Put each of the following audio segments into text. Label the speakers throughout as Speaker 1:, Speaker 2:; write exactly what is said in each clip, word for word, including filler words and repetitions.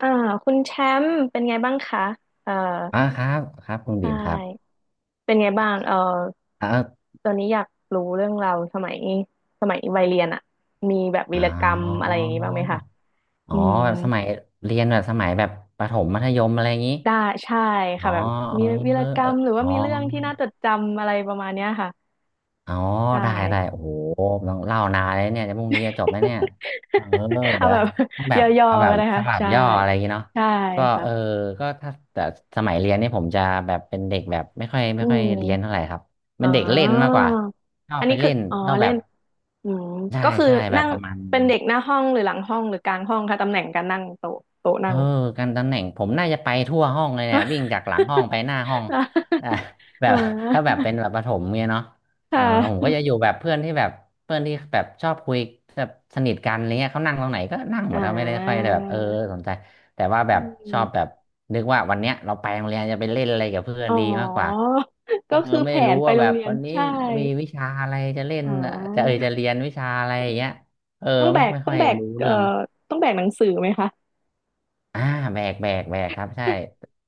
Speaker 1: อ่าคุณแชมป์เป็นไงบ้างคะเอ่อ
Speaker 2: อ่าครับครับคุณ
Speaker 1: ใช
Speaker 2: บีมครับ
Speaker 1: ่เป็นไงบ้างเอ่อ
Speaker 2: อ่าเออ
Speaker 1: ตอนนี้อยากรู้เรื่องเราวสมัยสมัยวัยเรียนอะมีแบบวี
Speaker 2: อ๋
Speaker 1: รกรรมอะไร
Speaker 2: อ
Speaker 1: อย่างนี้บ้างไหมคะ
Speaker 2: อ๋อ
Speaker 1: อืม
Speaker 2: แบบสมัยเรียนแบบสมัยแบบประถมมัธยมอะไรอย่างนี้
Speaker 1: ได้ใช่
Speaker 2: อ๋อ
Speaker 1: ค่ะแบบมีวี
Speaker 2: เอ
Speaker 1: ร
Speaker 2: อ
Speaker 1: กร
Speaker 2: เออ
Speaker 1: รมหรือว่า
Speaker 2: อ๋อ
Speaker 1: มีเรื่องที่น่าจดจำอะไรประมาณเนี้ยค่ะ
Speaker 2: อ๋อ
Speaker 1: ได้
Speaker 2: ได้ได้โอ้โหต้องเล่านานเลยเนี่ยจะพรุ่งนี้จะจบไหมเนี่ยเออ
Speaker 1: เอา
Speaker 2: เดี๋ยว
Speaker 1: แบบ
Speaker 2: ต้อง แบบ
Speaker 1: ย่อ
Speaker 2: เอาแบ
Speaker 1: ๆก็
Speaker 2: บ
Speaker 1: ได้
Speaker 2: ส
Speaker 1: ค่ะ
Speaker 2: ลับ
Speaker 1: ใช่
Speaker 2: ย่ออะไรอย่างงี้เนาะ
Speaker 1: ใช่
Speaker 2: ก็เออ
Speaker 1: ค่ะ
Speaker 2: ก็ถ้าแต่สมัยเรียนนี่ผมจะแบบเป็นเด็กแบบไม่ค่อย
Speaker 1: อื
Speaker 2: ไม่ค่อย
Speaker 1: ม
Speaker 2: เรียนเท่าไหร่ครับ
Speaker 1: อ๋
Speaker 2: เป็
Speaker 1: อ
Speaker 2: นเด็กเล่นมากกว่าชอบ
Speaker 1: อัน
Speaker 2: ไป
Speaker 1: นี้คื
Speaker 2: เล่
Speaker 1: อ
Speaker 2: น
Speaker 1: อ๋อ
Speaker 2: ชอบแบ
Speaker 1: เล่
Speaker 2: บ
Speaker 1: นอืม
Speaker 2: ใช่
Speaker 1: ก็คือ
Speaker 2: ใช่แบ
Speaker 1: นั่
Speaker 2: บ
Speaker 1: ง
Speaker 2: ประมาณ
Speaker 1: เป็นเด็กหน้าห้องหรือหลังห้องหรือกลางห้องคะตำแหน่งการนั่งโต๊ะโต๊ะ
Speaker 2: เอ
Speaker 1: นั่
Speaker 2: อ
Speaker 1: ง
Speaker 2: การตำแหน่งผมน่าจะไปทั่วห้องเลยเนี่ยวิ่งจากหลังห้องไปหน้า ห้องอ่ะ แบ
Speaker 1: อ๋
Speaker 2: บถ้าแบบ
Speaker 1: อ
Speaker 2: เป็นแบบประถมเนี่ยเนาะ
Speaker 1: ค่
Speaker 2: อ่าผมก็
Speaker 1: ะ
Speaker 2: จะอยู่แบบเพื่อนที่แบบเพื่อนที่แบบชอบคุยแบบสนิทกันอะไรเงี้ยเขานั่งตรงไหนก็นั่งหม
Speaker 1: อ่
Speaker 2: ดเขาไม่ได้ค่อย
Speaker 1: า
Speaker 2: ได้แบบเออสนใจแต่ว่าแบ
Speaker 1: อื
Speaker 2: บชอบแบ
Speaker 1: ม
Speaker 2: บนึกว่าวันเนี้ยเราไปโรงเรียนจะไปเล่นอะไรกับเพื่อน
Speaker 1: อ๋อ
Speaker 2: ดีมากกว่าเอ
Speaker 1: ก็
Speaker 2: อ
Speaker 1: คือแผ
Speaker 2: ไม่รู้
Speaker 1: นไป
Speaker 2: ว่า
Speaker 1: โร
Speaker 2: แบ
Speaker 1: ง
Speaker 2: บ
Speaker 1: เรียน
Speaker 2: วันนี้
Speaker 1: ใช่
Speaker 2: มีวิชาอะไรจะเล่น
Speaker 1: อ่
Speaker 2: อ่ะจะเออ
Speaker 1: า
Speaker 2: จะเรียนวิชาอะไรอย่างเงี้ยเออ
Speaker 1: ต้องแบ
Speaker 2: ไม่
Speaker 1: ก
Speaker 2: ไม่
Speaker 1: ต้อ
Speaker 2: ค่อ
Speaker 1: ง
Speaker 2: ย
Speaker 1: แบก
Speaker 2: รู้
Speaker 1: เอ่อ
Speaker 2: เรื่อง
Speaker 1: ต้องแบกหนังสือไหมคะ
Speaker 2: อ่าแบกแบกแบกครับใช่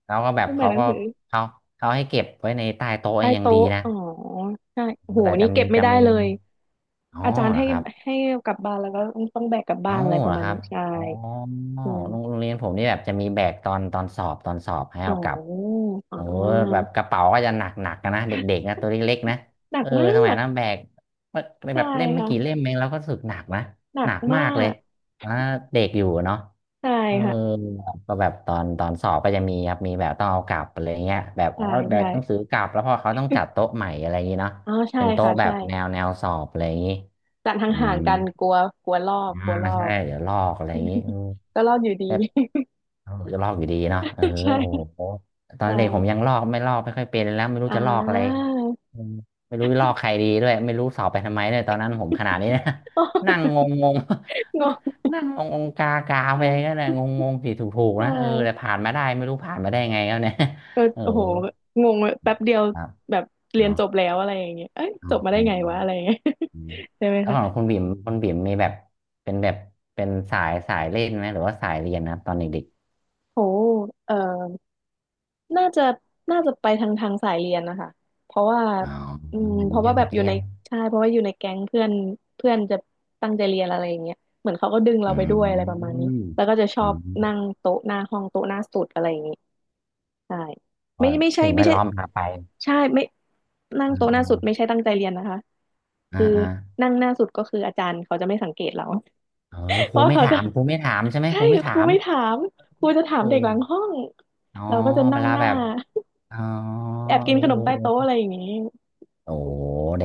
Speaker 2: แล้วก็แบบ
Speaker 1: ต้องแบก
Speaker 2: เขา
Speaker 1: หนัง
Speaker 2: ก็
Speaker 1: สือ
Speaker 2: เขาเขาให้เก็บไว้ในใต้โต๊ะ
Speaker 1: ใต้
Speaker 2: อย่างดี
Speaker 1: โต๊ะ
Speaker 2: นะ
Speaker 1: อ๋อใช่โอ้โห
Speaker 2: แต่
Speaker 1: นี่
Speaker 2: จะ
Speaker 1: เก็
Speaker 2: มี
Speaker 1: บไม่
Speaker 2: จะ
Speaker 1: ได้
Speaker 2: มี
Speaker 1: เลย
Speaker 2: อ๋อ
Speaker 1: อาจารย์
Speaker 2: เหรอ
Speaker 1: ให้
Speaker 2: ครับ
Speaker 1: ให้กลับบ้านแล้วก็ต้องแบกกลับบ้า
Speaker 2: เอ้า
Speaker 1: นอะไรป
Speaker 2: เหร
Speaker 1: ระ
Speaker 2: อ
Speaker 1: มาณ
Speaker 2: ครั
Speaker 1: นี้
Speaker 2: บ
Speaker 1: ใช่
Speaker 2: อ๋อ
Speaker 1: อื
Speaker 2: โรงโร
Speaker 1: ม
Speaker 2: งเรียนผมนี่แบบจะมีแบกตอนตอนสอบตอนสอบให้
Speaker 1: อ๋อ
Speaker 2: เอากลับ
Speaker 1: อ๋อ
Speaker 2: โอ้โหแบบกระเป๋าก็จะหนักหนักนะเด็กๆนะตัวเล็กๆนะ
Speaker 1: หนั
Speaker 2: เอ
Speaker 1: ก
Speaker 2: อ
Speaker 1: มา
Speaker 2: สมัย
Speaker 1: ก
Speaker 2: นั้นแบกแบ
Speaker 1: ใช่
Speaker 2: บเล่มไม่กี่เล่
Speaker 1: ค่ะ
Speaker 2: มเองเราก็รู้สึกหนักนะ
Speaker 1: หนั
Speaker 2: ห
Speaker 1: ก
Speaker 2: นัก
Speaker 1: มา
Speaker 2: มากเลย
Speaker 1: ก
Speaker 2: อ่าเด็กอยู่เนาะ
Speaker 1: ใช่
Speaker 2: เออ
Speaker 1: ค่ะ
Speaker 2: ก็แบบตอนตอนสอบก็จะมีครับมีแบบต้องเอากลับอะไรเงี้ยแบบอ๋
Speaker 1: ใช่
Speaker 2: อแบ
Speaker 1: ใช่
Speaker 2: กหนังสือกลับแล้วพอเขาต้องจัดโต๊ะใหม่อะไรอย่างงี้เนาะ
Speaker 1: อ๋อใช่
Speaker 2: เป็นโต๊ะ
Speaker 1: ค่ะ
Speaker 2: แบ
Speaker 1: ใช่
Speaker 2: บแนวแนวสอบอะไรอย่างงี้
Speaker 1: จัดห
Speaker 2: อื
Speaker 1: ่าง
Speaker 2: ม
Speaker 1: ๆกันกลัวกลัวลอก
Speaker 2: อ่า
Speaker 1: กลัวลอ
Speaker 2: ใช่
Speaker 1: ก
Speaker 2: เดี๋ยวลอกอะไรอย่างนี้เออ
Speaker 1: ก็ลอกอยู่ดี
Speaker 2: แต่จะลอกอยู่ดีเนาะเออ
Speaker 1: ใช่
Speaker 2: โอ้โหต
Speaker 1: ใ
Speaker 2: อนเด็กผม
Speaker 1: ช่
Speaker 2: ยังลอกไม่ลอกไม่ค่อยเป็นแล้วไม่รู้
Speaker 1: อ่
Speaker 2: จะลอกอะไร
Speaker 1: า
Speaker 2: เออไม่รู้จะลอกใครดีด้วยไม่รู้สอบไปทำไมเนี่ยตอนนั้นผมขนาดนี้นะ นั่งง งงง
Speaker 1: ง
Speaker 2: นั่งงงงกากาไปก็
Speaker 1: ง
Speaker 2: เลยงงงงผิดถูกถูก
Speaker 1: ใช
Speaker 2: นะเออแต่
Speaker 1: ่
Speaker 2: ผ่านมาได้ไม่รู้ผ่านมาได้ไงแล้วเนี่ย
Speaker 1: เออ
Speaker 2: เออ
Speaker 1: โอ้โหงงแป๊บเดียว
Speaker 2: ครับ
Speaker 1: แบบเรียน
Speaker 2: เนาะ
Speaker 1: จบแล้วอะไรอย่างเงี้ยเอ้ย
Speaker 2: อ๋อ
Speaker 1: จบมาได้ไงวะอะไรอย่างเงี้ย
Speaker 2: อืม
Speaker 1: ใช่ไหม
Speaker 2: แล้ว
Speaker 1: คะ
Speaker 2: ของคุณบิ่มคุณบิ่มมีแบบเป็นแบบเป็นสายสายเล่นไหมหรือว่าสายเรียนนะตอนเด็ก
Speaker 1: โหเอ่อน่าจะน่าจะไปทางทางสายเรียนนะคะเพราะว่า
Speaker 2: ๆอ๋อ
Speaker 1: อืม
Speaker 2: เด็ก
Speaker 1: เพราะ
Speaker 2: เรีย
Speaker 1: ว่า
Speaker 2: น
Speaker 1: แบ
Speaker 2: เด็
Speaker 1: บ
Speaker 2: ก
Speaker 1: อยู่
Speaker 2: เรีย
Speaker 1: ใน
Speaker 2: น
Speaker 1: ใช่เพราะว่าอยู่ในแก๊งเพื่อนเพื่อนจะตั้งใจเรียนอะไรอย่างเงี้ยเหมือนเขาก็ดึงเรา
Speaker 2: อื
Speaker 1: ไปด้วยอะไรประมาณนี้
Speaker 2: ม
Speaker 1: แล้วก็จะช
Speaker 2: อื
Speaker 1: อบนั่ง
Speaker 2: ม
Speaker 1: โต๊ะหน้าห้องโต๊ะหน้าสุดอะไรอย่างงี้ใช่ไม่
Speaker 2: ว่า
Speaker 1: ไม่ใช่
Speaker 2: สิ่งแว
Speaker 1: ไม่
Speaker 2: ด
Speaker 1: ใช่
Speaker 2: ล้อมพาไป
Speaker 1: ใช่ไม่นั่ง
Speaker 2: อืม
Speaker 1: โต๊ะห
Speaker 2: อื
Speaker 1: น้า
Speaker 2: ม
Speaker 1: สุดไม่ใช่ตั้งใจเรียนนะคะ
Speaker 2: อ่า
Speaker 1: คือ
Speaker 2: อ่า
Speaker 1: นั่งหน้าสุดก็คืออาจารย์เขาจะไม่สังเกตเรา
Speaker 2: เออค
Speaker 1: เพ
Speaker 2: รู
Speaker 1: ราะ
Speaker 2: ไม่
Speaker 1: เขา
Speaker 2: ถา
Speaker 1: จะ
Speaker 2: มครูไม่ถามใช่ไห ม
Speaker 1: ใช่
Speaker 2: ครูไม่
Speaker 1: ค
Speaker 2: ถา
Speaker 1: รู
Speaker 2: ม
Speaker 1: ไม่ถามครูจะถาม
Speaker 2: เอ
Speaker 1: เด็ก
Speaker 2: อ
Speaker 1: หลังห้อง
Speaker 2: อ๋อ
Speaker 1: เราก็จะ
Speaker 2: เว
Speaker 1: นั่ง
Speaker 2: ลา
Speaker 1: ห
Speaker 2: แบ
Speaker 1: น้า
Speaker 2: บอ๋อ
Speaker 1: แอบกิ
Speaker 2: เอ
Speaker 1: น
Speaker 2: อ
Speaker 1: ขน
Speaker 2: เอ
Speaker 1: ม
Speaker 2: อ
Speaker 1: ใต้โต๊ะ
Speaker 2: เอ
Speaker 1: อะ
Speaker 2: อ
Speaker 1: ไรอย่างนี้
Speaker 2: โอ้โหเด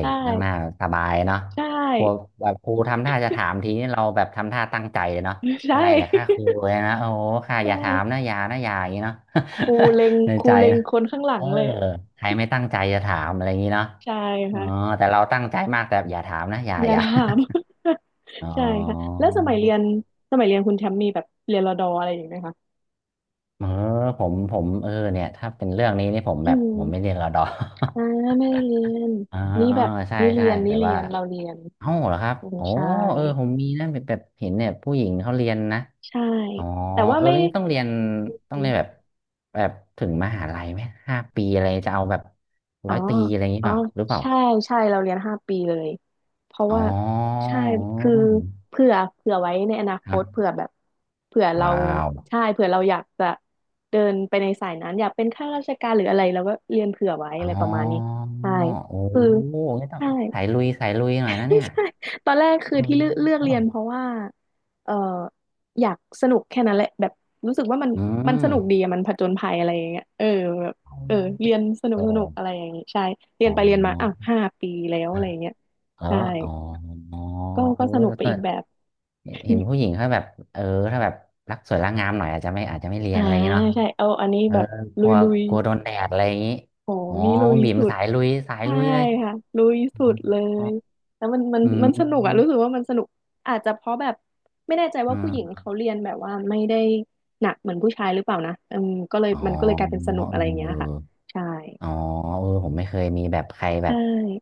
Speaker 1: ใช
Speaker 2: ็กนั่งหน้า
Speaker 1: ่
Speaker 2: สบายเนาะ
Speaker 1: ใช่
Speaker 2: พวกแบบครูทำท่าจะถามทีนี้เราแบบทำท่าตั้งใจเลยเนาะ อะ
Speaker 1: ใช่
Speaker 2: ไรเหร อค่าครูเลยนะโอ้โหค่า
Speaker 1: ใช
Speaker 2: อย่าถามนะ
Speaker 1: ่
Speaker 2: อย่านะอย่าอย่างนี้เนาะ
Speaker 1: ครูเล็ง
Speaker 2: ใน
Speaker 1: ครู
Speaker 2: ใจ
Speaker 1: เล็ง
Speaker 2: นะ
Speaker 1: คนข้างหลั
Speaker 2: เอ
Speaker 1: ง
Speaker 2: อ
Speaker 1: เลยอะ
Speaker 2: ใครไม่ตั้งใจจะถามอะไรอย่างนี้เนาะ
Speaker 1: ใช่
Speaker 2: อ๋อ
Speaker 1: ค่ะ
Speaker 2: แต่เราตั้งใจมากแต่อย่าถามนะอย่า
Speaker 1: อย่า
Speaker 2: อย่า
Speaker 1: ถาม
Speaker 2: อ๋อ
Speaker 1: ใช่ค่ะแล้วสมัยเรียนสมัยเรียนคุณแชมป์มีแบบเรียนรอดออะไรอย่างไหมคะ
Speaker 2: เออผมผมเออเนี่ยถ้าเป็นเรื่องนี้นี่ผม
Speaker 1: อื
Speaker 2: แบบ
Speaker 1: ม
Speaker 2: ผมไม่เรียนรอดอ
Speaker 1: อ่าไม่ได้เรียน
Speaker 2: อ่า
Speaker 1: นี่
Speaker 2: อ่า
Speaker 1: แบบ
Speaker 2: ใช่
Speaker 1: นี่เรี
Speaker 2: ใช่
Speaker 1: ยนนี่
Speaker 2: แต่
Speaker 1: เรี
Speaker 2: ว่า
Speaker 1: ยนเราเรียน
Speaker 2: เอ้าเหรอครับ
Speaker 1: อืม
Speaker 2: โอ้
Speaker 1: ใช่
Speaker 2: เออผมมีนะแบบแบบเห็นเนี่ยผู้หญิงเขาเรียนนะ
Speaker 1: ใช่
Speaker 2: อ๋อ
Speaker 1: แต่ว่า
Speaker 2: เออ
Speaker 1: ไม่
Speaker 2: แล้วนี่ต้องเรียนต้องเรียนแบบแบบถึงมหาลัยไหมห้าปีอะไรจะเอาแบบร้
Speaker 1: อ๋อ
Speaker 2: อยตรีอะไรอย่างนี้
Speaker 1: อ๋อ
Speaker 2: เปล่าหรือเปล่า
Speaker 1: ใช่ใช่ เราเรียนห้าปีเลย เพราะ
Speaker 2: อ๋อ
Speaker 1: ว่าใช่คือเผื่อเผื่อไว้ในอนาค
Speaker 2: ครั
Speaker 1: ต
Speaker 2: บ
Speaker 1: เผื่อแบบเผื่อเรา
Speaker 2: ว้าว
Speaker 1: ใช่เผื่อเราอยากจะเดินไปในสายนั้น อยากเป็นข้าราชการหรืออะไรเราก็เรียนเผื่อไว้
Speaker 2: อ๋
Speaker 1: อะ
Speaker 2: อ
Speaker 1: ไรประมาณนี้ ใช่
Speaker 2: โอ้
Speaker 1: คือ
Speaker 2: งั้นต้อง
Speaker 1: ใช่
Speaker 2: สายลุยสายลุยหน่อยนะ
Speaker 1: ไม่
Speaker 2: เนี่ย
Speaker 1: ใช่ตอนแรกคือ
Speaker 2: อื
Speaker 1: ที่เลือกเลือกเรียน
Speaker 2: ม
Speaker 1: เพราะว่าเอออยากสนุกแค่นั้นแหละแบบรู้สึกว่ามัน
Speaker 2: อื
Speaker 1: มันสนุกดี
Speaker 2: ม
Speaker 1: อะมันผจญภัยอะไรอย่างเงี้ยเออแบบเออเรียนสนุก
Speaker 2: โอ้
Speaker 1: สนุกอะไรอย่างงี้ใช่เรีย
Speaker 2: อ๋อ
Speaker 1: นไปเรียนมาอ้าวห้าปีแล้วอะ
Speaker 2: นะ
Speaker 1: ไรอย่างเงี้ย
Speaker 2: แล้
Speaker 1: ใช่
Speaker 2: วอ๋อ
Speaker 1: ก็
Speaker 2: เอ
Speaker 1: ก็
Speaker 2: อ
Speaker 1: สนุก
Speaker 2: แล้ว
Speaker 1: ไป
Speaker 2: ก็
Speaker 1: อีกแบบ
Speaker 2: เห็นเห็นผู้หญิงเขาแบบเออถ้าแบบรักสวยรักงามหน่อยอาจจะไม่อาจจะไม่เรี ย
Speaker 1: อ่า
Speaker 2: นอะไรอย่างงี้เนาะ
Speaker 1: ใช่เอาอันนี้
Speaker 2: เออ
Speaker 1: แบบ
Speaker 2: ก
Speaker 1: ลุ
Speaker 2: ลั
Speaker 1: ย
Speaker 2: ว
Speaker 1: ลุย
Speaker 2: กลัวโดนแดดอะไรอย่างงี้
Speaker 1: โห
Speaker 2: อ๋อ
Speaker 1: นี่ลุ
Speaker 2: คุ
Speaker 1: ย
Speaker 2: ณบีม
Speaker 1: สุด
Speaker 2: สายลุยสาย
Speaker 1: ใช่
Speaker 2: ลุยเลย
Speaker 1: ค่ะลุยสุดเล
Speaker 2: อ
Speaker 1: ย
Speaker 2: ม
Speaker 1: แล้วมันมัน
Speaker 2: อื
Speaker 1: มันสนุกอะรู้สึ
Speaker 2: ม
Speaker 1: กว่ามันสนุกอาจจะเพราะแบบไม่แน่ใจว่า
Speaker 2: อื
Speaker 1: ผู้หญิง
Speaker 2: ม
Speaker 1: เขาเรียนแบบว่าไม่ได้หนักเหมือนผู้ชายหรือเปล่านะอืมก็เลย
Speaker 2: อ๋อ
Speaker 1: มันก็เลยกลายเป็นสนุกอะไรอย่างเงี้
Speaker 2: เอ
Speaker 1: ยค่ะ
Speaker 2: อ
Speaker 1: ใช่
Speaker 2: อ๋อเออผมไม่เคยมีแบบใครแบ
Speaker 1: ใช่
Speaker 2: บ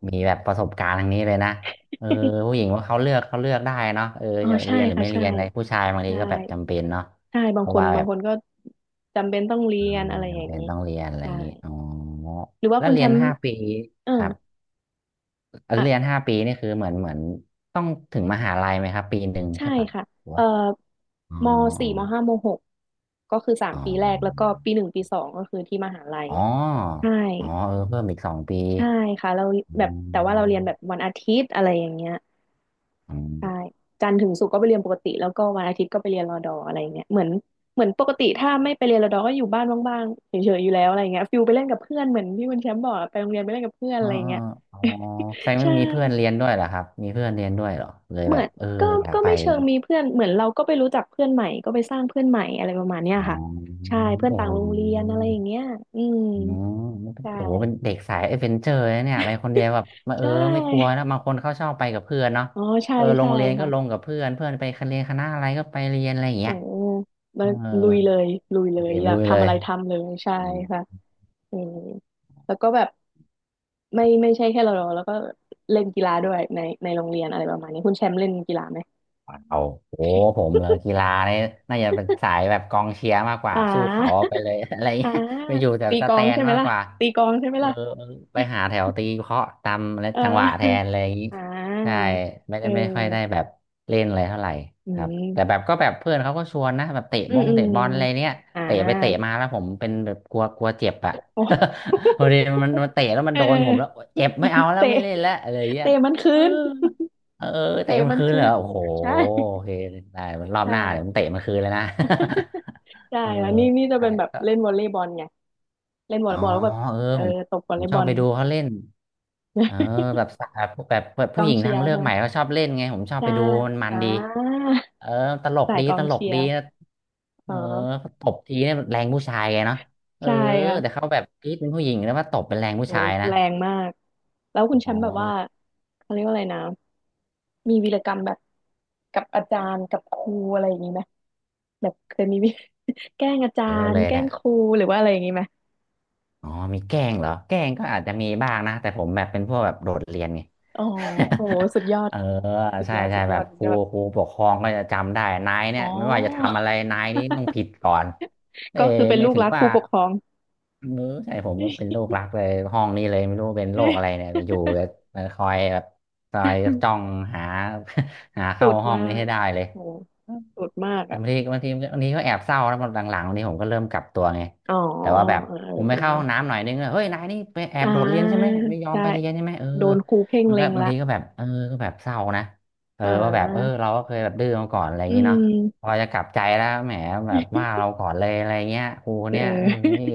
Speaker 2: มีแบบประสบการณ์ทางนี้เลยนะเออผู้ หญิงว่าเขาเลือกเขาเลือกได้เนาะเออ
Speaker 1: อ๋อ
Speaker 2: จะ
Speaker 1: ใช่
Speaker 2: เรียนหรือ
Speaker 1: ค่ะ
Speaker 2: ไม่
Speaker 1: ใช่
Speaker 2: เรียนอะไรผู้ชายบางที
Speaker 1: ใช่
Speaker 2: ก็แบบจำเป็นเนาะ
Speaker 1: ใช่บา
Speaker 2: เพ
Speaker 1: งค
Speaker 2: ราะ
Speaker 1: น
Speaker 2: ว่าแบ
Speaker 1: บาง
Speaker 2: บ
Speaker 1: คนก็จำเป็นต้องเรี
Speaker 2: อื
Speaker 1: ยน
Speaker 2: ม
Speaker 1: อะไรอ
Speaker 2: จำ
Speaker 1: ย่าง
Speaker 2: เป็น
Speaker 1: นี้
Speaker 2: ต้องเรียนอะไรอ
Speaker 1: ใช่
Speaker 2: ย่างนี้อ๋อ
Speaker 1: หรือว่า
Speaker 2: แล้ว
Speaker 1: คุณแช
Speaker 2: เรียน
Speaker 1: มป์
Speaker 2: ห้าปี
Speaker 1: เออ
Speaker 2: ครับแล้ว
Speaker 1: อ่ะ
Speaker 2: เรียนห้าปีนี่คือเหมือนเหมือนต้องถึงมหาลัยไหมครับปีหนึ่ง
Speaker 1: ใช่
Speaker 2: ใช่ปะ
Speaker 1: ค่ะ
Speaker 2: หรือ
Speaker 1: เอ่อ
Speaker 2: ว่าอ๋อ
Speaker 1: มสี่มห้ามหกก็คือสาม
Speaker 2: อ๋อ
Speaker 1: ปีแรกแล้วก็ปีหนึ่งปีสองก็คือที่มหาลัย
Speaker 2: อ๋อ
Speaker 1: ใช่
Speaker 2: อ๋อเออเพิ่มอีกสองปี
Speaker 1: ใช่ค่ะเรา
Speaker 2: อ๋
Speaker 1: แบ
Speaker 2: อ
Speaker 1: บแต่ว่าเราเรียนแบบวันอาทิตย์อะไรอย่างเงี้ย
Speaker 2: อ๋อ
Speaker 1: ใช่จันทร์ถึงศุกร์ก็ไปเรียนปกติแล้วก็วันอาทิตย์ก็ไปเรียนรอดออะไรอย่างเงี้ยเหมือนเหมือนปกติถ้าไม่ไปเรียนรอดอก็อยู่บ้านว่างๆเฉยๆอยู่แล้วอะไรอย่างเงี้ยฟิลไปเล่นกับเพื่อนเหมือนที่คุณแชมป์บอกอะไปโรงเรียนไปเล่นกับเพื่อน
Speaker 2: อ๋
Speaker 1: อะ
Speaker 2: อ
Speaker 1: ไรอย่างเงี้ย
Speaker 2: อ๋อแสดง ว่า
Speaker 1: ใช่
Speaker 2: มีเพื่อนเรียนด้วยเหรอครับมีเพื่อนเรียนด้วยเหรอเลย
Speaker 1: เห
Speaker 2: แบ
Speaker 1: มือ
Speaker 2: บ
Speaker 1: น
Speaker 2: เออ
Speaker 1: ก็
Speaker 2: อยาก
Speaker 1: ก็
Speaker 2: ไป
Speaker 1: ไม่เชิงมีเพื่อนเหมือนเราก็ไปรู้จักเพื่อนใหม่ก็ไปสร้างเพื่อนใหม่อะไรประมาณเนี้ย
Speaker 2: อ๋
Speaker 1: ค่ะ
Speaker 2: อ
Speaker 1: ใช่เพื่อน
Speaker 2: โอ้
Speaker 1: ต่า
Speaker 2: โ
Speaker 1: งโรงเรียนอะ
Speaker 2: ห
Speaker 1: ไรอย่างเงี้ยอืม
Speaker 2: อ๋อมันเป็น
Speaker 1: ใช่
Speaker 2: โอ้โหเป็นเด็กสายเอเวนเจอร์นะเนี่ยไปคนเดียวแบบมา
Speaker 1: ใช
Speaker 2: เออไม่กลัว
Speaker 1: ่
Speaker 2: นะบางคนเขาชอบไปกับเพื่อนเนาะ
Speaker 1: อ๋อใช่
Speaker 2: เออโร
Speaker 1: ใช่
Speaker 2: งเรียนก็ลง
Speaker 1: ค่ะ
Speaker 2: กับเพื่อนเพื่อนไปคณะเรียนคณะอะไรก็ไปเรียนอะไรอย่าง
Speaker 1: โอ้
Speaker 2: เงี้ย
Speaker 1: มล
Speaker 2: เออ
Speaker 1: ลุยเลยลุยเลย
Speaker 2: เรียน
Speaker 1: อยา
Speaker 2: ลุ
Speaker 1: ก
Speaker 2: ยเล
Speaker 1: ทำอะ
Speaker 2: ย
Speaker 1: ไรทำเลยใช่ค่ะอืมแล้วก็แบบไม่ไม่ใช่แค่เราแล้วก็เล่นกีฬาด้วยในในโรงเรียนอะไรประมาณนี้คุณแชมป์เล่นกีฬาไหม
Speaker 2: เอาโอ้ผมเลยกีฬาเนี่ยน่าจะเป็นสายแบบกองเชียร์มากกว่า
Speaker 1: อ่
Speaker 2: สู้เขา
Speaker 1: า
Speaker 2: ไปเลย อะไร
Speaker 1: อ่า
Speaker 2: เงี้ยไปอยู่แต่
Speaker 1: ตี
Speaker 2: ส
Speaker 1: กลอ
Speaker 2: แต
Speaker 1: ง
Speaker 2: น
Speaker 1: ใช่ไหม
Speaker 2: มาก
Speaker 1: ล่ะ
Speaker 2: กว่า
Speaker 1: ตีกลองใช่ไหม
Speaker 2: เออ
Speaker 1: ล่ะ
Speaker 2: ไปหาแถวตีเคาะตามและ
Speaker 1: อ่
Speaker 2: จังหวะแทน
Speaker 1: า
Speaker 2: อะไรอย่างงี้
Speaker 1: อ่
Speaker 2: ใช่
Speaker 1: า
Speaker 2: ไม่
Speaker 1: เอ
Speaker 2: ได้ไม่ค่อย
Speaker 1: อ
Speaker 2: ได้แบบเล่นอะไรเท่าไหร่
Speaker 1: อื
Speaker 2: ครับแต่แบ
Speaker 1: ม
Speaker 2: บก็แบบเพื่อนเขาก็ชวนนะแบบเตะ
Speaker 1: อื
Speaker 2: บ
Speaker 1: ม
Speaker 2: ง
Speaker 1: อื
Speaker 2: เตะ
Speaker 1: ม
Speaker 2: บอลอะไรเนี้ย
Speaker 1: อ่า
Speaker 2: เตะไปเตะมาแล้วผมเป็นแบบกลัวกลัวเจ็บอะ
Speaker 1: โอ้
Speaker 2: พอดีมันมันเตะแล้วมัน
Speaker 1: เ
Speaker 2: โดนผมแล้ว
Speaker 1: ออ
Speaker 2: เจ็บไม่เอาแล้ว
Speaker 1: เตะ
Speaker 2: ไม่เล่นแล้วอะไรอย่างเงี้ย
Speaker 1: เตะมันคื
Speaker 2: เออ
Speaker 1: น
Speaker 2: เออ
Speaker 1: เตะ
Speaker 2: เตะมัน
Speaker 1: มัน
Speaker 2: คืน
Speaker 1: คื
Speaker 2: เลย
Speaker 1: น
Speaker 2: เหรอโอ้โห
Speaker 1: ใช่
Speaker 2: โอเคได้มันรอบหน้าเดี๋ยวผ
Speaker 1: ใช่
Speaker 2: มเตะมันคืนเลยนะ
Speaker 1: ใช่
Speaker 2: เออ
Speaker 1: ค่ะนี่นี่จะ
Speaker 2: ใช่
Speaker 1: เป็นแบบ
Speaker 2: ก็
Speaker 1: เล่นวอลเลย์บอลไงเล่นวอล
Speaker 2: อ๋อ
Speaker 1: เลย์บอลแล้วแบบ
Speaker 2: เออ
Speaker 1: เออ
Speaker 2: ผม
Speaker 1: ตบวอ
Speaker 2: ผ
Speaker 1: ลเล
Speaker 2: ม
Speaker 1: ย์
Speaker 2: ช
Speaker 1: บ
Speaker 2: อ
Speaker 1: อ
Speaker 2: บ
Speaker 1: ล
Speaker 2: ไปดูเขาเล่นเออ แบบสาวแบบแบบ
Speaker 1: ก
Speaker 2: ผู้
Speaker 1: อ
Speaker 2: ห
Speaker 1: ง
Speaker 2: ญิง
Speaker 1: เชี
Speaker 2: ทา
Speaker 1: ย
Speaker 2: ง
Speaker 1: ร์
Speaker 2: เลือ
Speaker 1: ใช่
Speaker 2: ก
Speaker 1: ไหม
Speaker 2: ใหม่เขาชอบเล่นไงผมชอบ
Speaker 1: ใช่
Speaker 2: ไปดูมันมั
Speaker 1: อ่
Speaker 2: นดี
Speaker 1: า
Speaker 2: เออตลก
Speaker 1: สาย
Speaker 2: ดี
Speaker 1: กอ
Speaker 2: ต
Speaker 1: ง
Speaker 2: ลก
Speaker 1: เชีย
Speaker 2: ดี
Speaker 1: ร์
Speaker 2: นะเอ
Speaker 1: อ๋
Speaker 2: อ
Speaker 1: อ
Speaker 2: ตบทีเนี่ยแรงผู้ชายไงเนาะเออ
Speaker 1: ใช่
Speaker 2: แต่
Speaker 1: ค่ะ
Speaker 2: เขาแบบกรี๊ดเป็นผู้หญิงแล้วว่าตบเป็นแรงผู้
Speaker 1: โห
Speaker 2: ชายนะ
Speaker 1: แรงมากแล้วคุณแช
Speaker 2: อ๋อ
Speaker 1: มป์แบบ
Speaker 2: เอ
Speaker 1: ว่า
Speaker 2: อ
Speaker 1: เขาเรียกว่าอะไรนะ มีวีรกรรมแบบกับอาจารย์กับครูอะไรอย่างนี้ไหมแบบเคยมีวิ แกล้งอาจา
Speaker 2: เยอะ
Speaker 1: ร
Speaker 2: เล
Speaker 1: ย์
Speaker 2: ย
Speaker 1: แกล้
Speaker 2: เนี่
Speaker 1: ง
Speaker 2: ย
Speaker 1: ครูหรือว่าอะไรอย่างนี้ไหม
Speaker 2: อ๋อมีแกล้งเหรอแกล้งก็อาจจะมีบ้างนะ แต่ผมแบบเป็นพวกแบบโดดเรียนไง
Speaker 1: อ๋อโอ้โหสุดยอ ด
Speaker 2: เออ
Speaker 1: สุด
Speaker 2: ใช่
Speaker 1: ยอด
Speaker 2: ใช่
Speaker 1: สุด
Speaker 2: แบ
Speaker 1: ยอ
Speaker 2: บ
Speaker 1: ดสุ
Speaker 2: ค
Speaker 1: ด
Speaker 2: รู
Speaker 1: ยอด
Speaker 2: ครูปกครองก็จะจำได้นายเนี่
Speaker 1: อ๋
Speaker 2: ย
Speaker 1: อ
Speaker 2: ไม่ว่าจะทำอะไรนายนี้ต้องผิด ก่อนเอ้
Speaker 1: ก็คือเป็น
Speaker 2: ไม่
Speaker 1: ลูก
Speaker 2: ถึง
Speaker 1: รักค
Speaker 2: ว่า
Speaker 1: รูปกครอง
Speaker 2: เออใช่ผมก็เป็นโรครักเลยห้องนี้เลยไม่รู้เป็นโรคอะไรเนี่ยอยู่จะ คอยแบบคอยจ้องหา หา
Speaker 1: สุ
Speaker 2: เข้า
Speaker 1: ด
Speaker 2: ห้อ
Speaker 1: มา
Speaker 2: งนี้
Speaker 1: ก
Speaker 2: ให้ได้เลย
Speaker 1: โอ้โหสุดมาก
Speaker 2: แต่
Speaker 1: อ่ะ
Speaker 2: บางทีบางทีบางทีก็แอบเศร้าแล้วหลังๆวันนี้ผมก็เริ่มกลับตัวไง
Speaker 1: อ๋อ
Speaker 2: แต่ว่าแบบ
Speaker 1: เออ
Speaker 2: ผมไป
Speaker 1: เอ
Speaker 2: เข้าห้อง
Speaker 1: อ
Speaker 2: น้ำหน่อยนึงอะเฮ้ยนายนี่ไปแอ
Speaker 1: เอออ่
Speaker 2: บโดดเรียนใช่ไหม
Speaker 1: า
Speaker 2: ไม่ยอม
Speaker 1: ได้
Speaker 2: ไปเรียนใช่ไหมเออ
Speaker 1: โดนครูเพ่ง
Speaker 2: มันก็
Speaker 1: เล็ง
Speaker 2: บาง
Speaker 1: ละ
Speaker 2: ทีก็แบบเออก็แบบเศร้านะเออ
Speaker 1: อ่
Speaker 2: ว่าแบบเออ
Speaker 1: า
Speaker 2: เราก็เคยแบบดื้อมาก่อนอะไรอย่า
Speaker 1: อื
Speaker 2: งงี้เนาะ
Speaker 1: ม
Speaker 2: พอจะกลับใจแล้วแหมแบบว่า เราก่อนเลยอะไรเงี้ยครู
Speaker 1: เออ
Speaker 2: เนี่ยเอ อนี่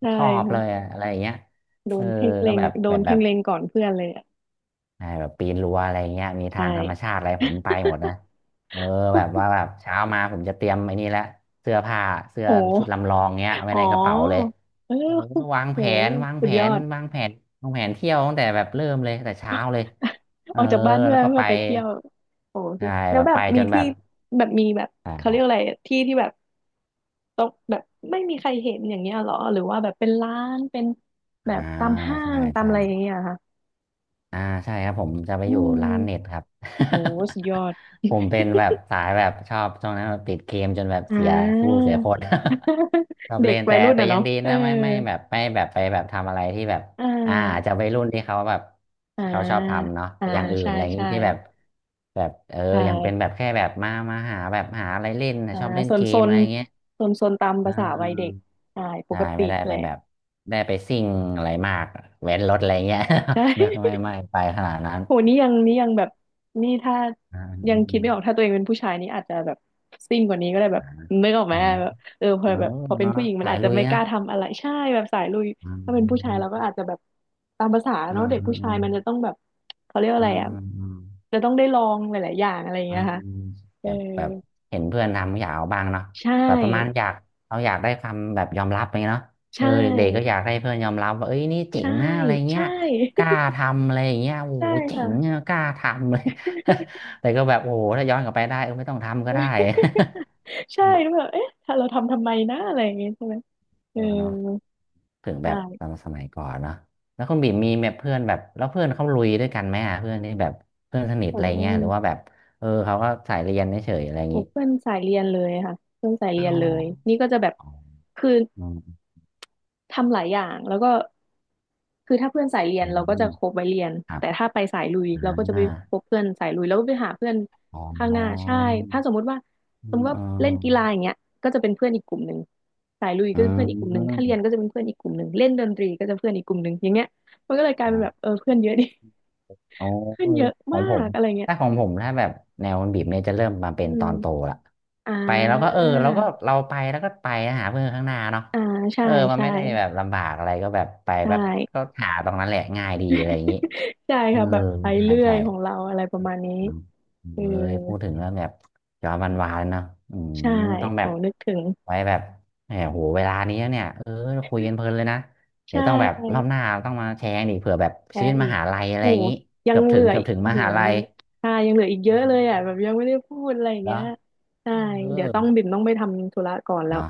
Speaker 1: ใช่
Speaker 2: ชอบเลยอะอะไรอย่างเงี้ย
Speaker 1: โด
Speaker 2: เออ
Speaker 1: นเพ่ง
Speaker 2: ก็
Speaker 1: เล็ง
Speaker 2: แบบ
Speaker 1: โด
Speaker 2: แบ
Speaker 1: น
Speaker 2: บแบ
Speaker 1: เพ่ง
Speaker 2: บ
Speaker 1: เล็งก่อนเพื่อนเลยอ่ะ
Speaker 2: ใช่แบบปีนรั้วอะไรเงี้ยมี
Speaker 1: ใช่
Speaker 2: ทางธรรมชาติอะไรผมไปหมดนะเออแบบว่า แบบเช้ามาผมจะเตรียมไอ้นี่ละเสื้อผ้าเสื้อชุด
Speaker 1: โห
Speaker 2: ลำลองเงี้ยไว้
Speaker 1: อ๋อ
Speaker 2: ในกระเป๋าเลย
Speaker 1: เออ
Speaker 2: โอ้โหวาง
Speaker 1: โห
Speaker 2: แผนวาง
Speaker 1: สุ
Speaker 2: แผ
Speaker 1: ดยอ
Speaker 2: น
Speaker 1: ด
Speaker 2: วางแผนวางแผนเที่ยวตั้งแต่แบบเริ่มเลยตั้งแต่เช้าเลยเอ
Speaker 1: อ
Speaker 2: อ
Speaker 1: อกจากบ้านเพื่
Speaker 2: แล้
Speaker 1: อ
Speaker 2: ว
Speaker 1: น
Speaker 2: ก็
Speaker 1: เพื่
Speaker 2: ไป
Speaker 1: อไปเที่ยวโอ้
Speaker 2: ใช่
Speaker 1: แล้
Speaker 2: แบ
Speaker 1: ว
Speaker 2: บ
Speaker 1: แบ
Speaker 2: ไป
Speaker 1: บมี
Speaker 2: จนแบ
Speaker 1: ที่
Speaker 2: บ
Speaker 1: แบบมีแบบ
Speaker 2: อ่
Speaker 1: เขาเรียกอะไร
Speaker 2: า
Speaker 1: ที่ที่แบบต้องแบบไม่มีใครเห็นอย่างเงี้ยเหรอหรือว่าแบบเป็นร้านเป็นแบ
Speaker 2: อ่า
Speaker 1: บตามห้า
Speaker 2: ใช่
Speaker 1: งตาม
Speaker 2: ใช่
Speaker 1: อะไรอย่างเงี้ยเหรอค่ะ
Speaker 2: อ่าใช่ครับผมจะไป
Speaker 1: อื
Speaker 2: อยู่ร้านเน็ต
Speaker 1: ม
Speaker 2: ครับ
Speaker 1: โหสุดยอด
Speaker 2: ผมเป็นแบบสายแบบชอบช่วงนั้นแบบติดเกมจนแบบ
Speaker 1: อ่า
Speaker 2: เสียสู้เสียคน ชอบ
Speaker 1: เด็
Speaker 2: เล่
Speaker 1: ก
Speaker 2: น
Speaker 1: วั
Speaker 2: แต่
Speaker 1: ยรุ่น
Speaker 2: แต่
Speaker 1: อ่ะ
Speaker 2: ยัง
Speaker 1: เนาะ
Speaker 2: ดี
Speaker 1: เออ
Speaker 2: นะไม่ไม่แบบไม่แบบไปแบบทำอะไรที่แบบ
Speaker 1: อ่
Speaker 2: อ่าอาจ
Speaker 1: า
Speaker 2: จะไปรุ่นที่เขาแบบ
Speaker 1: อ่า
Speaker 2: ที่เขาชอบทำเนาะ
Speaker 1: อ่า
Speaker 2: อย่างอื่น
Speaker 1: ใช่
Speaker 2: อะไรอย่างงี้
Speaker 1: ใช่
Speaker 2: ที่แบบแบบเออ
Speaker 1: ใช่
Speaker 2: ยังเป็นแบบแค่แบบมามาหาแบบหาอะไรเล่นนะ
Speaker 1: อ่า
Speaker 2: ชอบเล่น
Speaker 1: โซน
Speaker 2: เก
Speaker 1: โซ
Speaker 2: ม
Speaker 1: น
Speaker 2: อะไรอย่างเงี้ย
Speaker 1: โซนโซนตาม
Speaker 2: อ่
Speaker 1: ภาษาวัยเด็ก
Speaker 2: า
Speaker 1: ใช่ป
Speaker 2: ใช่
Speaker 1: กติ
Speaker 2: ไม่ได้
Speaker 1: แห
Speaker 2: ไป
Speaker 1: ละ
Speaker 2: แบบได้ไปซิ่งอะไรมากเว้นรถอะไรเงี้ย
Speaker 1: ใช
Speaker 2: ไม่
Speaker 1: ่
Speaker 2: ไม่ไม่ไปขนาดนั้น
Speaker 1: โหนี่ยังนี่ยังแบบนี่ถ้า
Speaker 2: อ่า
Speaker 1: ยั
Speaker 2: อื
Speaker 1: ง
Speaker 2: มอื
Speaker 1: คิด
Speaker 2: ม
Speaker 1: ไม่ออกถ้าตัวเองเป็นผู้ชายนี่อาจจะแบบซิ่งกว่านี้ก็ได้แบบ
Speaker 2: อ่า
Speaker 1: นึกออกไห
Speaker 2: เอ
Speaker 1: ม
Speaker 2: อ
Speaker 1: แบบเออพ
Speaker 2: เอ
Speaker 1: อ
Speaker 2: อเนอ
Speaker 1: แบบพอเป็น
Speaker 2: ะ
Speaker 1: ผู้หญิงมั
Speaker 2: สา
Speaker 1: น
Speaker 2: ย
Speaker 1: อาจจะ
Speaker 2: ลุย
Speaker 1: ไม่ก
Speaker 2: นะ
Speaker 1: ล้าทำอะไรใช่แบบสายลุย
Speaker 2: อ
Speaker 1: ถ้าเป็นผู้ชายเราก็
Speaker 2: ม
Speaker 1: อาจจะแบบตามภาษา
Speaker 2: อ
Speaker 1: เนาะ
Speaker 2: ม
Speaker 1: เด็ก
Speaker 2: อื
Speaker 1: ผู้
Speaker 2: มอื
Speaker 1: ชาย
Speaker 2: ม
Speaker 1: มันจะต้องแบบเขาเรียกว่า
Speaker 2: อื
Speaker 1: อะไรอ่ะ
Speaker 2: ม
Speaker 1: จะต้องได้ลองหลายๆอย่างอะไรอย่าง
Speaker 2: อ
Speaker 1: เงี้ย
Speaker 2: มอื
Speaker 1: ค่ะ
Speaker 2: ม
Speaker 1: เอ
Speaker 2: แบ
Speaker 1: อ
Speaker 2: บแบบเห็นเพื่อนทำอยากเอาบ้างเนาะ
Speaker 1: ใช่
Speaker 2: แบบประมาณอยากเราอยากได้คำแบบยอมรับอย่างเงี้ยเนาะเอ
Speaker 1: ใช่
Speaker 2: อเด็กๆก็อยากให้เพื่อนยอมรับว่าเอ้ยนี่เจ๋
Speaker 1: ใช่
Speaker 2: งนะอะไรเงี้
Speaker 1: ใช่
Speaker 2: ยกล้าทำอะไรอย่าง เงี้ยโอ้
Speaker 1: ใช่
Speaker 2: โหเจ๋
Speaker 1: ค่ะ
Speaker 2: งอะกล้าทำเลย แต่ก็แบบโอ้โหถ้าย้อนกลับไปได้เออไม่ต้องทำก็ได้
Speaker 1: ใช่แล้วแบ บเอ๊ะถ้าเราทำทำไมนะอะไรอย่างเงี้ยใช่ไหม
Speaker 2: เอ
Speaker 1: เออ
Speaker 2: อเนาะ ถึงแบบต
Speaker 1: ใช่
Speaker 2: อนสมัยก่อนเนาะแล้วคุณบีมมีแบบเพื่อนแบบแล้วเพื่อนเขาลุยด้วยกันไหมอ่ะเพื่อนที่แบบเพื่อนสนิทอะ
Speaker 1: โอ้
Speaker 2: ไร
Speaker 1: โห
Speaker 2: เงี้ยหรือว่าแบบเออเขาก็สายเรียนเฉยๆอะไรอย่าง
Speaker 1: โอ้
Speaker 2: นี้
Speaker 1: เพื่อนสายเรียนเลยค่ะเพื่อนสายเรี
Speaker 2: อ๋
Speaker 1: ยน
Speaker 2: อ
Speaker 1: เลยนี่ก็จะแบบ
Speaker 2: อ๋อ
Speaker 1: คือ
Speaker 2: อืม
Speaker 1: ทำหลายอย่างแล้วก็ คือถ้าเพื่อนสายเรียน
Speaker 2: อื
Speaker 1: เราก็จะ
Speaker 2: ม
Speaker 1: คบไว้เรียน
Speaker 2: ครับ
Speaker 1: แต่ถ้าไปสายลุยเรา
Speaker 2: นั้
Speaker 1: ก็
Speaker 2: น
Speaker 1: จะไป
Speaker 2: น่ะ
Speaker 1: คบเพื่อนสายลุยแล้วก็ไปหาเพื่อน
Speaker 2: อ๋อ
Speaker 1: ข้างห
Speaker 2: อ๋อ
Speaker 1: น้าใช่ถ้าสมมุติว่า
Speaker 2: อื
Speaker 1: สมมติว่าเล่นกี
Speaker 2: ม
Speaker 1: ฬาอย่างเงี้ยก็จะเป็นเพื่อนอีกกลุ่มหนึ่งสายลุย
Speaker 2: อ
Speaker 1: ก็จะเป็นเพื่อนอีกกลุ่มหนึ่
Speaker 2: ื
Speaker 1: งถ้าเรียนก็จะเป็นเพื่อนอีกกลุ่มหนึ่งเล่นดนตรีก็จะเพื่อนอีกกลุ่มหนึ่งอย่างเงี้ยมันก็เลยกลายเป็นแบบ
Speaker 2: ม
Speaker 1: เออเพื่อนเยอะดิ
Speaker 2: อ๋อ
Speaker 1: เพื่อ
Speaker 2: เอ
Speaker 1: น
Speaker 2: อ
Speaker 1: เยอะ
Speaker 2: ขอ
Speaker 1: มา
Speaker 2: งผ
Speaker 1: ก
Speaker 2: ม
Speaker 1: อะไรเงี้ย
Speaker 2: ถ้าของผมถ้าแบบแนวมันบีบเนี่ยจะเริ่มมาเป็
Speaker 1: อื
Speaker 2: นตอนโต
Speaker 1: ม
Speaker 2: ละ
Speaker 1: อ่
Speaker 2: ไปแล้วก็เออ
Speaker 1: า
Speaker 2: แล้วก็เราไปแล้วก็ไปหาเพื่อนข้างหน้าเนาะ
Speaker 1: อ่าใช่
Speaker 2: เออมัน
Speaker 1: ใช่
Speaker 2: ไม่ได้แบบลำบากอะไรก็แบบไป
Speaker 1: ใช
Speaker 2: แบบก็
Speaker 1: ่
Speaker 2: หาตรงนั้นแหละง่ายดีอะไรอย่างนี้
Speaker 1: ใช่
Speaker 2: เออ
Speaker 1: ค่ะแบบไป
Speaker 2: ใช่
Speaker 1: เรื่อย
Speaker 2: ใช่
Speaker 1: ของเราอะไรประมาณนี้
Speaker 2: อืม
Speaker 1: เออ
Speaker 2: เอ้ยพูดถึงแล้วแบบจอมันวานๆนะอืม
Speaker 1: ใช่
Speaker 2: ต้องแบ
Speaker 1: โอ้
Speaker 2: บ
Speaker 1: นึกถึง
Speaker 2: ไว้แบบแหมโหเวลานี้เนี่ยเออคุยกันเพลินเลยนะเดี๋
Speaker 1: ใช่
Speaker 2: ยวต้องแบบรอบหน้าต้องมาแชร์กันอีกเผื่อแบบ
Speaker 1: แช
Speaker 2: ชีวิต
Speaker 1: ร์
Speaker 2: ม
Speaker 1: อีก
Speaker 2: หาลัยอะ
Speaker 1: โห
Speaker 2: ไรอย่างนี้
Speaker 1: ยั
Speaker 2: เกื
Speaker 1: ง
Speaker 2: อบ
Speaker 1: เห
Speaker 2: ถึ
Speaker 1: ลื
Speaker 2: ง
Speaker 1: อ
Speaker 2: เกือ
Speaker 1: อี
Speaker 2: บ
Speaker 1: ก
Speaker 2: ถึง
Speaker 1: โอ้
Speaker 2: ม
Speaker 1: โห
Speaker 2: หาลั
Speaker 1: ยั
Speaker 2: ย
Speaker 1: งใช่ยังเหลืออีกเย
Speaker 2: อื
Speaker 1: อะเลยอ่ะแบ
Speaker 2: ม
Speaker 1: บยังไม่ได้พูดอะไรอย่าง
Speaker 2: แล้
Speaker 1: เงี้ย
Speaker 2: ว
Speaker 1: ใช่
Speaker 2: เออ
Speaker 1: เดี๋ยวต้องบิ่มต้องไปทำธุระก่อนแล้ว
Speaker 2: เนาะ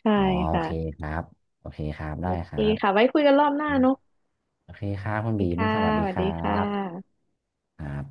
Speaker 1: ใช่
Speaker 2: อ๋อโอ
Speaker 1: ค่ะ
Speaker 2: เคครับโอเคครับ
Speaker 1: โอ
Speaker 2: ได้ค
Speaker 1: เค
Speaker 2: รับ
Speaker 1: ค่ะ ไว้คุยกันรอบหน้าเนอะ
Speaker 2: โอเคครับคุณ
Speaker 1: โอ
Speaker 2: บี
Speaker 1: เค
Speaker 2: ม
Speaker 1: ค่ะ
Speaker 2: สวัสดี
Speaker 1: สวัส
Speaker 2: ค
Speaker 1: ดี
Speaker 2: รั
Speaker 1: ค่
Speaker 2: บ
Speaker 1: ะ
Speaker 2: ครับ